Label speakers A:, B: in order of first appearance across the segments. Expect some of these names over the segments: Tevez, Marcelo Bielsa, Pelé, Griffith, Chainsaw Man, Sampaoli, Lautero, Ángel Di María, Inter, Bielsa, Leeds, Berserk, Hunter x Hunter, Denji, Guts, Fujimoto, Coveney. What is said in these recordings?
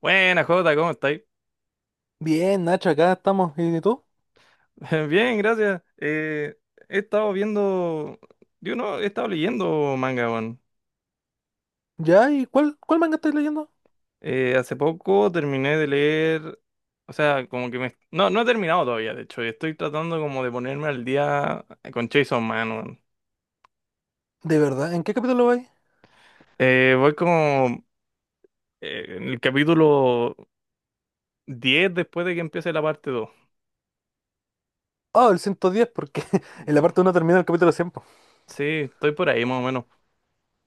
A: Buena, Jota, ¿cómo estáis?
B: Bien, Nacho, acá estamos. ¿Y tú?
A: Bien, gracias. He estado viendo, yo no, he estado leyendo manga, weón.
B: ¿Ya? ¿Y cuál manga estáis leyendo?
A: Hace poco terminé de leer, o sea, como que me... No, no he terminado todavía, de hecho, y estoy tratando como de ponerme al día con Chainsaw Man, weón.
B: ¿De verdad? ¿En qué capítulo vais?
A: Voy como en el capítulo 10 después de que empiece la parte 2.
B: Ah, el 110 porque en la parte uno termina el capítulo 100 po.
A: Sí, estoy por ahí más o menos.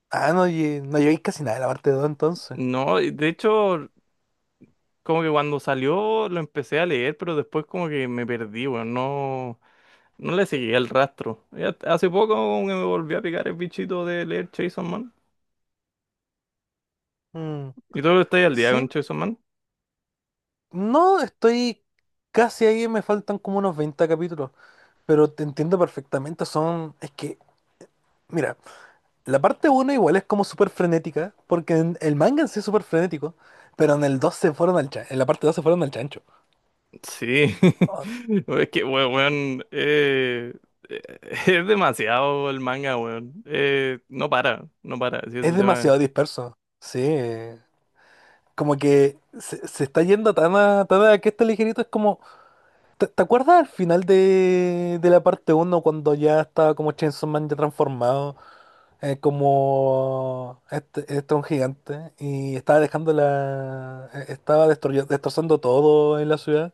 B: Ah, no, no llegáis casi nada de la parte dos entonces.
A: No, y de hecho... Como que cuando salió lo empecé a leer, pero después como que me perdí, weón. No, no le seguí el rastro. Hace poco como que me volví a picar el bichito de leer Chainsaw Man.
B: Mm,
A: ¿Y tú estás al día con
B: sí.
A: Chainsaw Man?
B: No, estoy casi ahí, me faltan como unos 20 capítulos. Pero te entiendo perfectamente, Es que, mira, la parte uno igual es como súper frenética, porque el manga en sí es súper frenético, pero en el 2 se fueron al chan- en la parte 2 se fueron al chancho.
A: Sí. Es que, weón, eh, es demasiado el manga, weón. No para, no para, así es
B: Es
A: el tema.
B: demasiado disperso. Sí. Como que se está yendo tan a que este ligerito es como. ¿Te acuerdas al final de la parte uno cuando ya estaba como Chainsaw Man ya transformado? Como este un gigante. Y estaba dejando la. Estaba destrozando todo en la ciudad.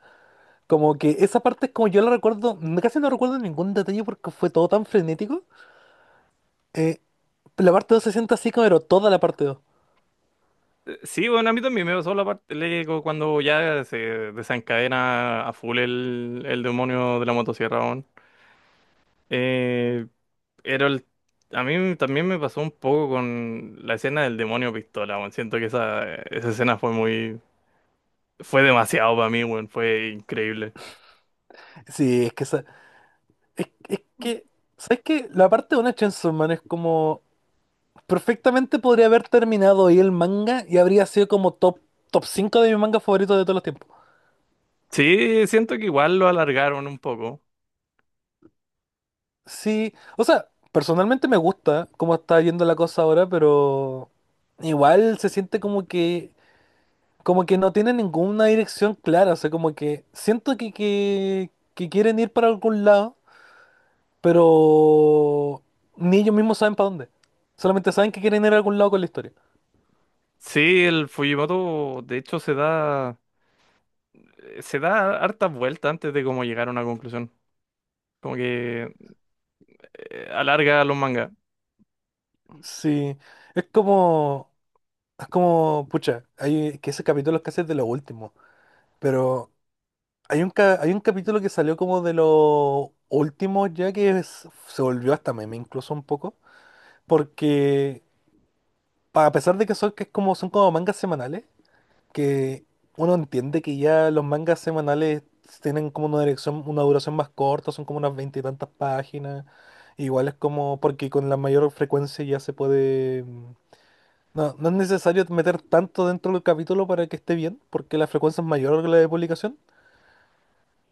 B: Como que esa parte es como yo la recuerdo. Casi no recuerdo ningún detalle porque fue todo tan frenético. Eh, la parte 2 se siente así, como, pero toda la parte dos.
A: Sí, bueno, a mí también me pasó la parte le- co- cuando ya se desencadena a full el demonio de la motosierra, weón. Eh, Pero el- a mí también me pasó un poco con la escena del demonio pistola, weón. Siento que esa escena fue muy... Fue demasiado para mí, weón. Fue increíble.
B: Sí, Es que, ¿sabes qué? La parte de una Chainsaw Man es como. Perfectamente podría haber terminado ahí el manga y habría sido como top 5 de mis mangas favoritos de todos los tiempos.
A: Sí, siento que igual lo alargaron un poco.
B: Sí, o sea, personalmente me gusta cómo está yendo la cosa ahora, pero igual se siente como que no tiene ninguna dirección clara. O sea, como que siento que quieren ir para algún lado, pero ni ellos mismos saben para dónde. Solamente saben que quieren ir a algún lado con la historia.
A: Sí, el Fujimoto, de hecho, se da... Se da hartas vueltas antes de como llegar a una conclusión. Como que alarga los mangas.
B: Sí, es como, es como, pucha, hay que ese capítulo es casi de lo último, pero hay un capítulo que salió como de los últimos ya que se volvió hasta meme incluso un poco, porque a pesar de que son como mangas semanales, que uno entiende que ya los mangas semanales tienen como una dirección, una duración más corta, son como unas 20 y tantas páginas, igual es como, porque con la mayor frecuencia ya se puede. No, no es necesario meter tanto dentro del capítulo para que esté bien, porque la frecuencia es mayor que la de publicación.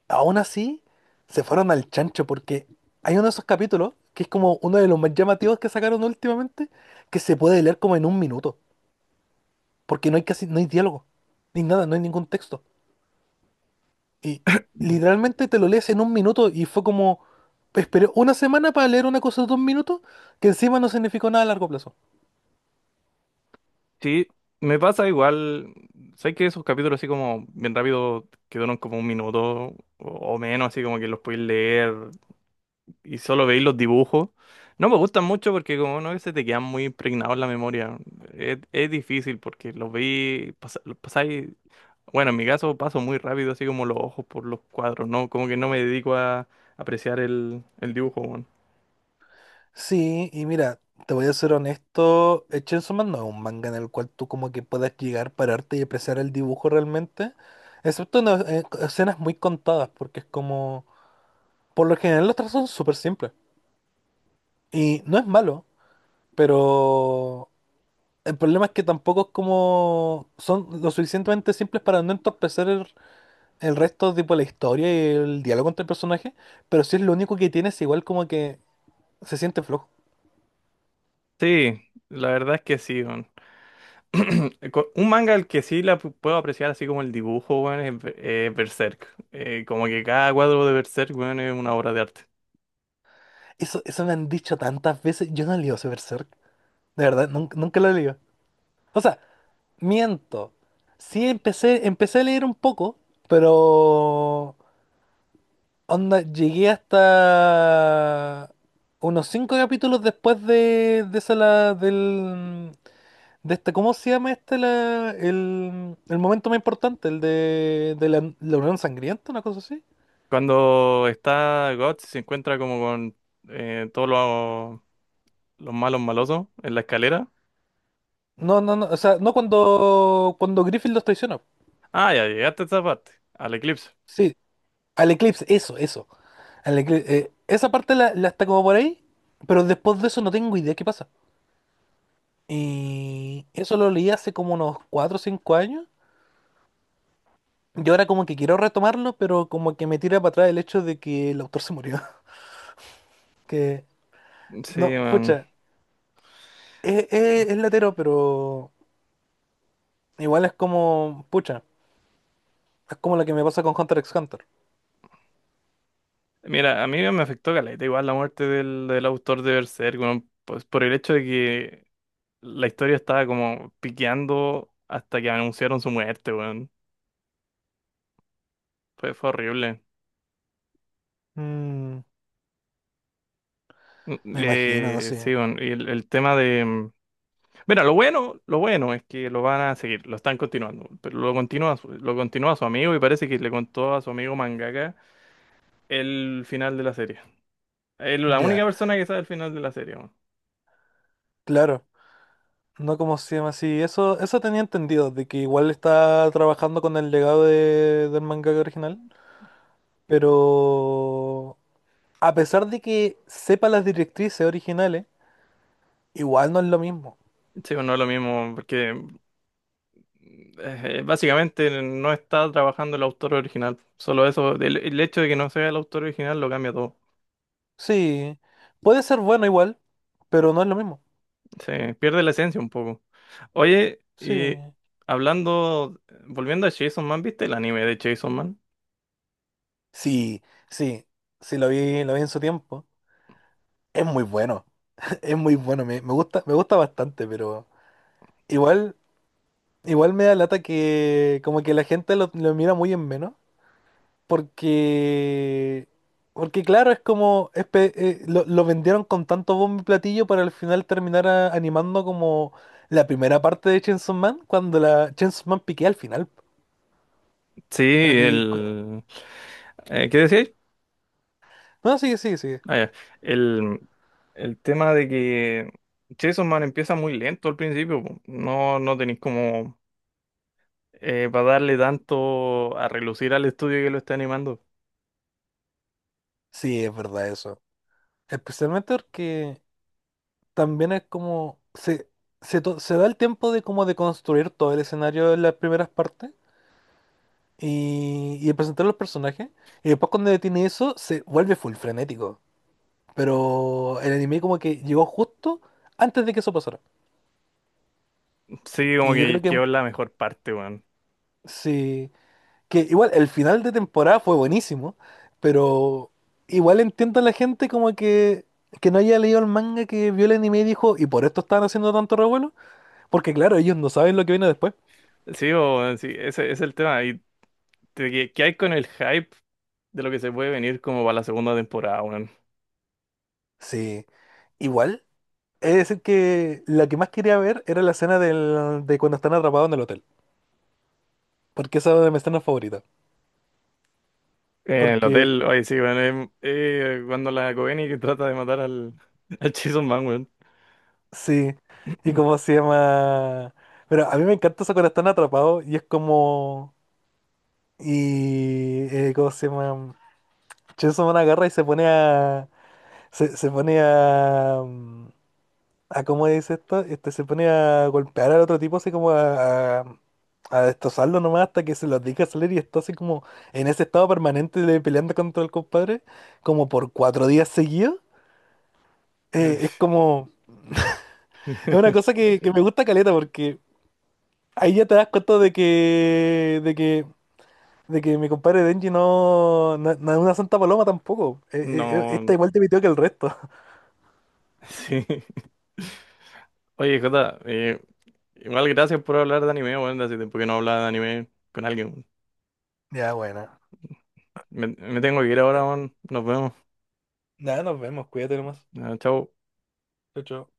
B: Aún así, se fueron al chancho, porque hay uno de esos capítulos, que es como uno de los más llamativos que sacaron últimamente, que se puede leer como en un minuto, porque no hay casi, no hay diálogo, ni nada, no hay ningún texto. Y literalmente te lo lees en un minuto y fue como, esperé una semana para leer una cosa de un minuto, que encima no significó nada a largo plazo.
A: Sí, me pasa igual. Sé que esos capítulos así como bien rápido que duran como un minuto o menos, ¿así como que los podéis leer? Y solo veis los dibujos. No me gustan mucho porque como no se te quedan muy impregnados en la memoria. Es difícil porque los veis, los pasáis, bueno, en mi caso paso muy rápido así como los ojos por los cuadros, ¿no? Como que no me dedico a apreciar el dibujo, weón.
B: Sí, y mira, te voy a ser honesto, Chainsaw Man no es un manga en el cual tú como que puedas llegar, pararte y apreciar el dibujo realmente, excepto en escenas muy contadas, porque es como, por lo general los trazos son súper simples, y no es malo, pero el problema es que tampoco es como, son lo suficientemente simples para no entorpecer el resto, tipo la historia y el diálogo entre el personaje, pero sí es lo único que tienes, igual como que se siente flojo.
A: Sí, la verdad es que sí, weón. Un manga al que puedo apreciar así como el dibujo, weón, es Berserk. Como que cada cuadro de Berserk, weón, es una obra de arte.
B: Eso me han dicho tantas veces. Yo no leo Berserk. De verdad, nunca, nunca lo leo. O sea, miento. Sí empecé a leer un poco, pero onda, llegué hasta unos cinco capítulos después de esa la, del de esta, ¿cómo se llama este la, el momento más importante? El de la Unión Sangrienta, una cosa así.
A: Cuando está Guts, se encuentra como con todos los malos malosos en la escalera.
B: No, no, no, o sea, no cuando Griffith los traiciona.
A: Ah, ya llegaste a esa parte, al eclipse.
B: Sí, al eclipse, eso, eso. Esa parte la está como por ahí, pero después de eso no tengo idea qué pasa. Y eso lo leí hace como unos 4 o 5 años. Y ahora como que quiero retomarlo, pero como que me tira para atrás el hecho de que el autor se murió. Que,
A: Sí,
B: no,
A: man.
B: pucha, es latero, pero igual es como, pucha, es como lo que me pasa con Hunter x Hunter.
A: Mira, a mí me afectó caleta igual la muerte del autor de Berserk, weón, pues por el hecho de que la historia estaba como piqueando hasta que anunciaron su muerte, weón. Fue, fue horrible.
B: Mm,
A: Mm,
B: Me imagino, no sé.
A: Sí, weón, y Mira, lo bueno es que lo van a seguir, lo están continuando, pero lo continúa su amigo y parece que le contó a su amigo mangaka el final de la serie. Es la única
B: Ya,
A: persona que sabe el final de la serie. Weón.
B: claro. No como se llama así. Eso tenía entendido, de que igual está trabajando con el legado del mangaka original. Pero a pesar de que sepa las directrices originales, igual no es lo mismo.
A: Sí, bueno, no es lo mismo, porque básicamente no está trabajando el autor original. Solo eso, el hecho de que no sea el autor original lo cambia todo.
B: Sí, puede ser bueno igual, pero no es lo mismo.
A: Se pierde la esencia un poco. Oye,
B: Sí.
A: y hablando, volviendo a Chainsaw Man, ¿viste el anime de Chainsaw Man?
B: Sí, sí. Sí, lo vi en su tiempo. Es muy bueno. Es muy bueno. Me gusta bastante, pero igual, igual me da lata que como que la gente lo mira muy en menos. Porque, porque claro, es como, lo vendieron con tanto bombo y platillo para al final terminar animando como la primera parte de Chainsaw Man, cuando la Chainsaw Man piquea al final.
A: Sí,
B: Y-
A: el... ¿qué decíais?
B: No, sigue, sigue, sigue.
A: Ah, ya. El, el tema de que Chainsaw Man empieza muy lento al principio. Po. No, no tenéis como para darle tanto a relucir al estudio que lo está animando.
B: Sí, es verdad eso. Especialmente porque también es como, se da el tiempo de como de construir todo el escenario en las primeras partes y de presentar los personajes. Y después cuando detiene eso, se vuelve full frenético. Pero el anime como que llegó justo antes de que eso pasara.
A: Sí, como
B: Y yo creo
A: que
B: que
A: quedó en la mejor parte, weón.
B: sí, que igual el final de temporada fue buenísimo, pero igual entiendo a la gente que no haya leído el manga, que vio el anime y dijo, ¿y por esto estaban haciendo tanto revuelo? Porque claro, ellos no saben lo que viene después.
A: Sí, sí, ese es el tema. Y de que, ¿qué hay con el hype de lo que se puede venir como para la segunda temporada, weón?
B: Sí, igual. Es decir, que la que más quería ver era la escena de cuando están atrapados en el hotel. Porque esa es mi escena favorita.
A: El
B: Porque
A: hotel, oye, sí, weón. Cuando la Coveney que trata de matar al Chainsaw Man, weón.
B: Sí, y cómo se llama. Pero a mí me encanta eso cuando están atrapados y es como. ¿Cómo se llama? Chainsaw Man agarra y se pone a. Se pone a. A ¿Cómo dice esto? Este, se pone a golpear al otro tipo, así como a destrozarlo nomás hasta que se los deja salir y está así como en ese estado permanente de peleando contra el compadre, como por 4 días seguidos. Es como. Es una cosa que me gusta caleta porque. Ahí ya te das cuenta de que mi compadre Denji no, no, no es una santa paloma tampoco. Esta
A: No,
B: igual te pitió que el resto.
A: sí. Oye, Jota, igual gracias por hablar de anime, weón. Hace tiempo que no hablaba de anime con alguien.
B: Ya, bueno.
A: Me tengo que ir ahora, weón. Nos vemos.
B: Nada, nos vemos, cuídate nomás.
A: Ah, chao.
B: Chao, chao.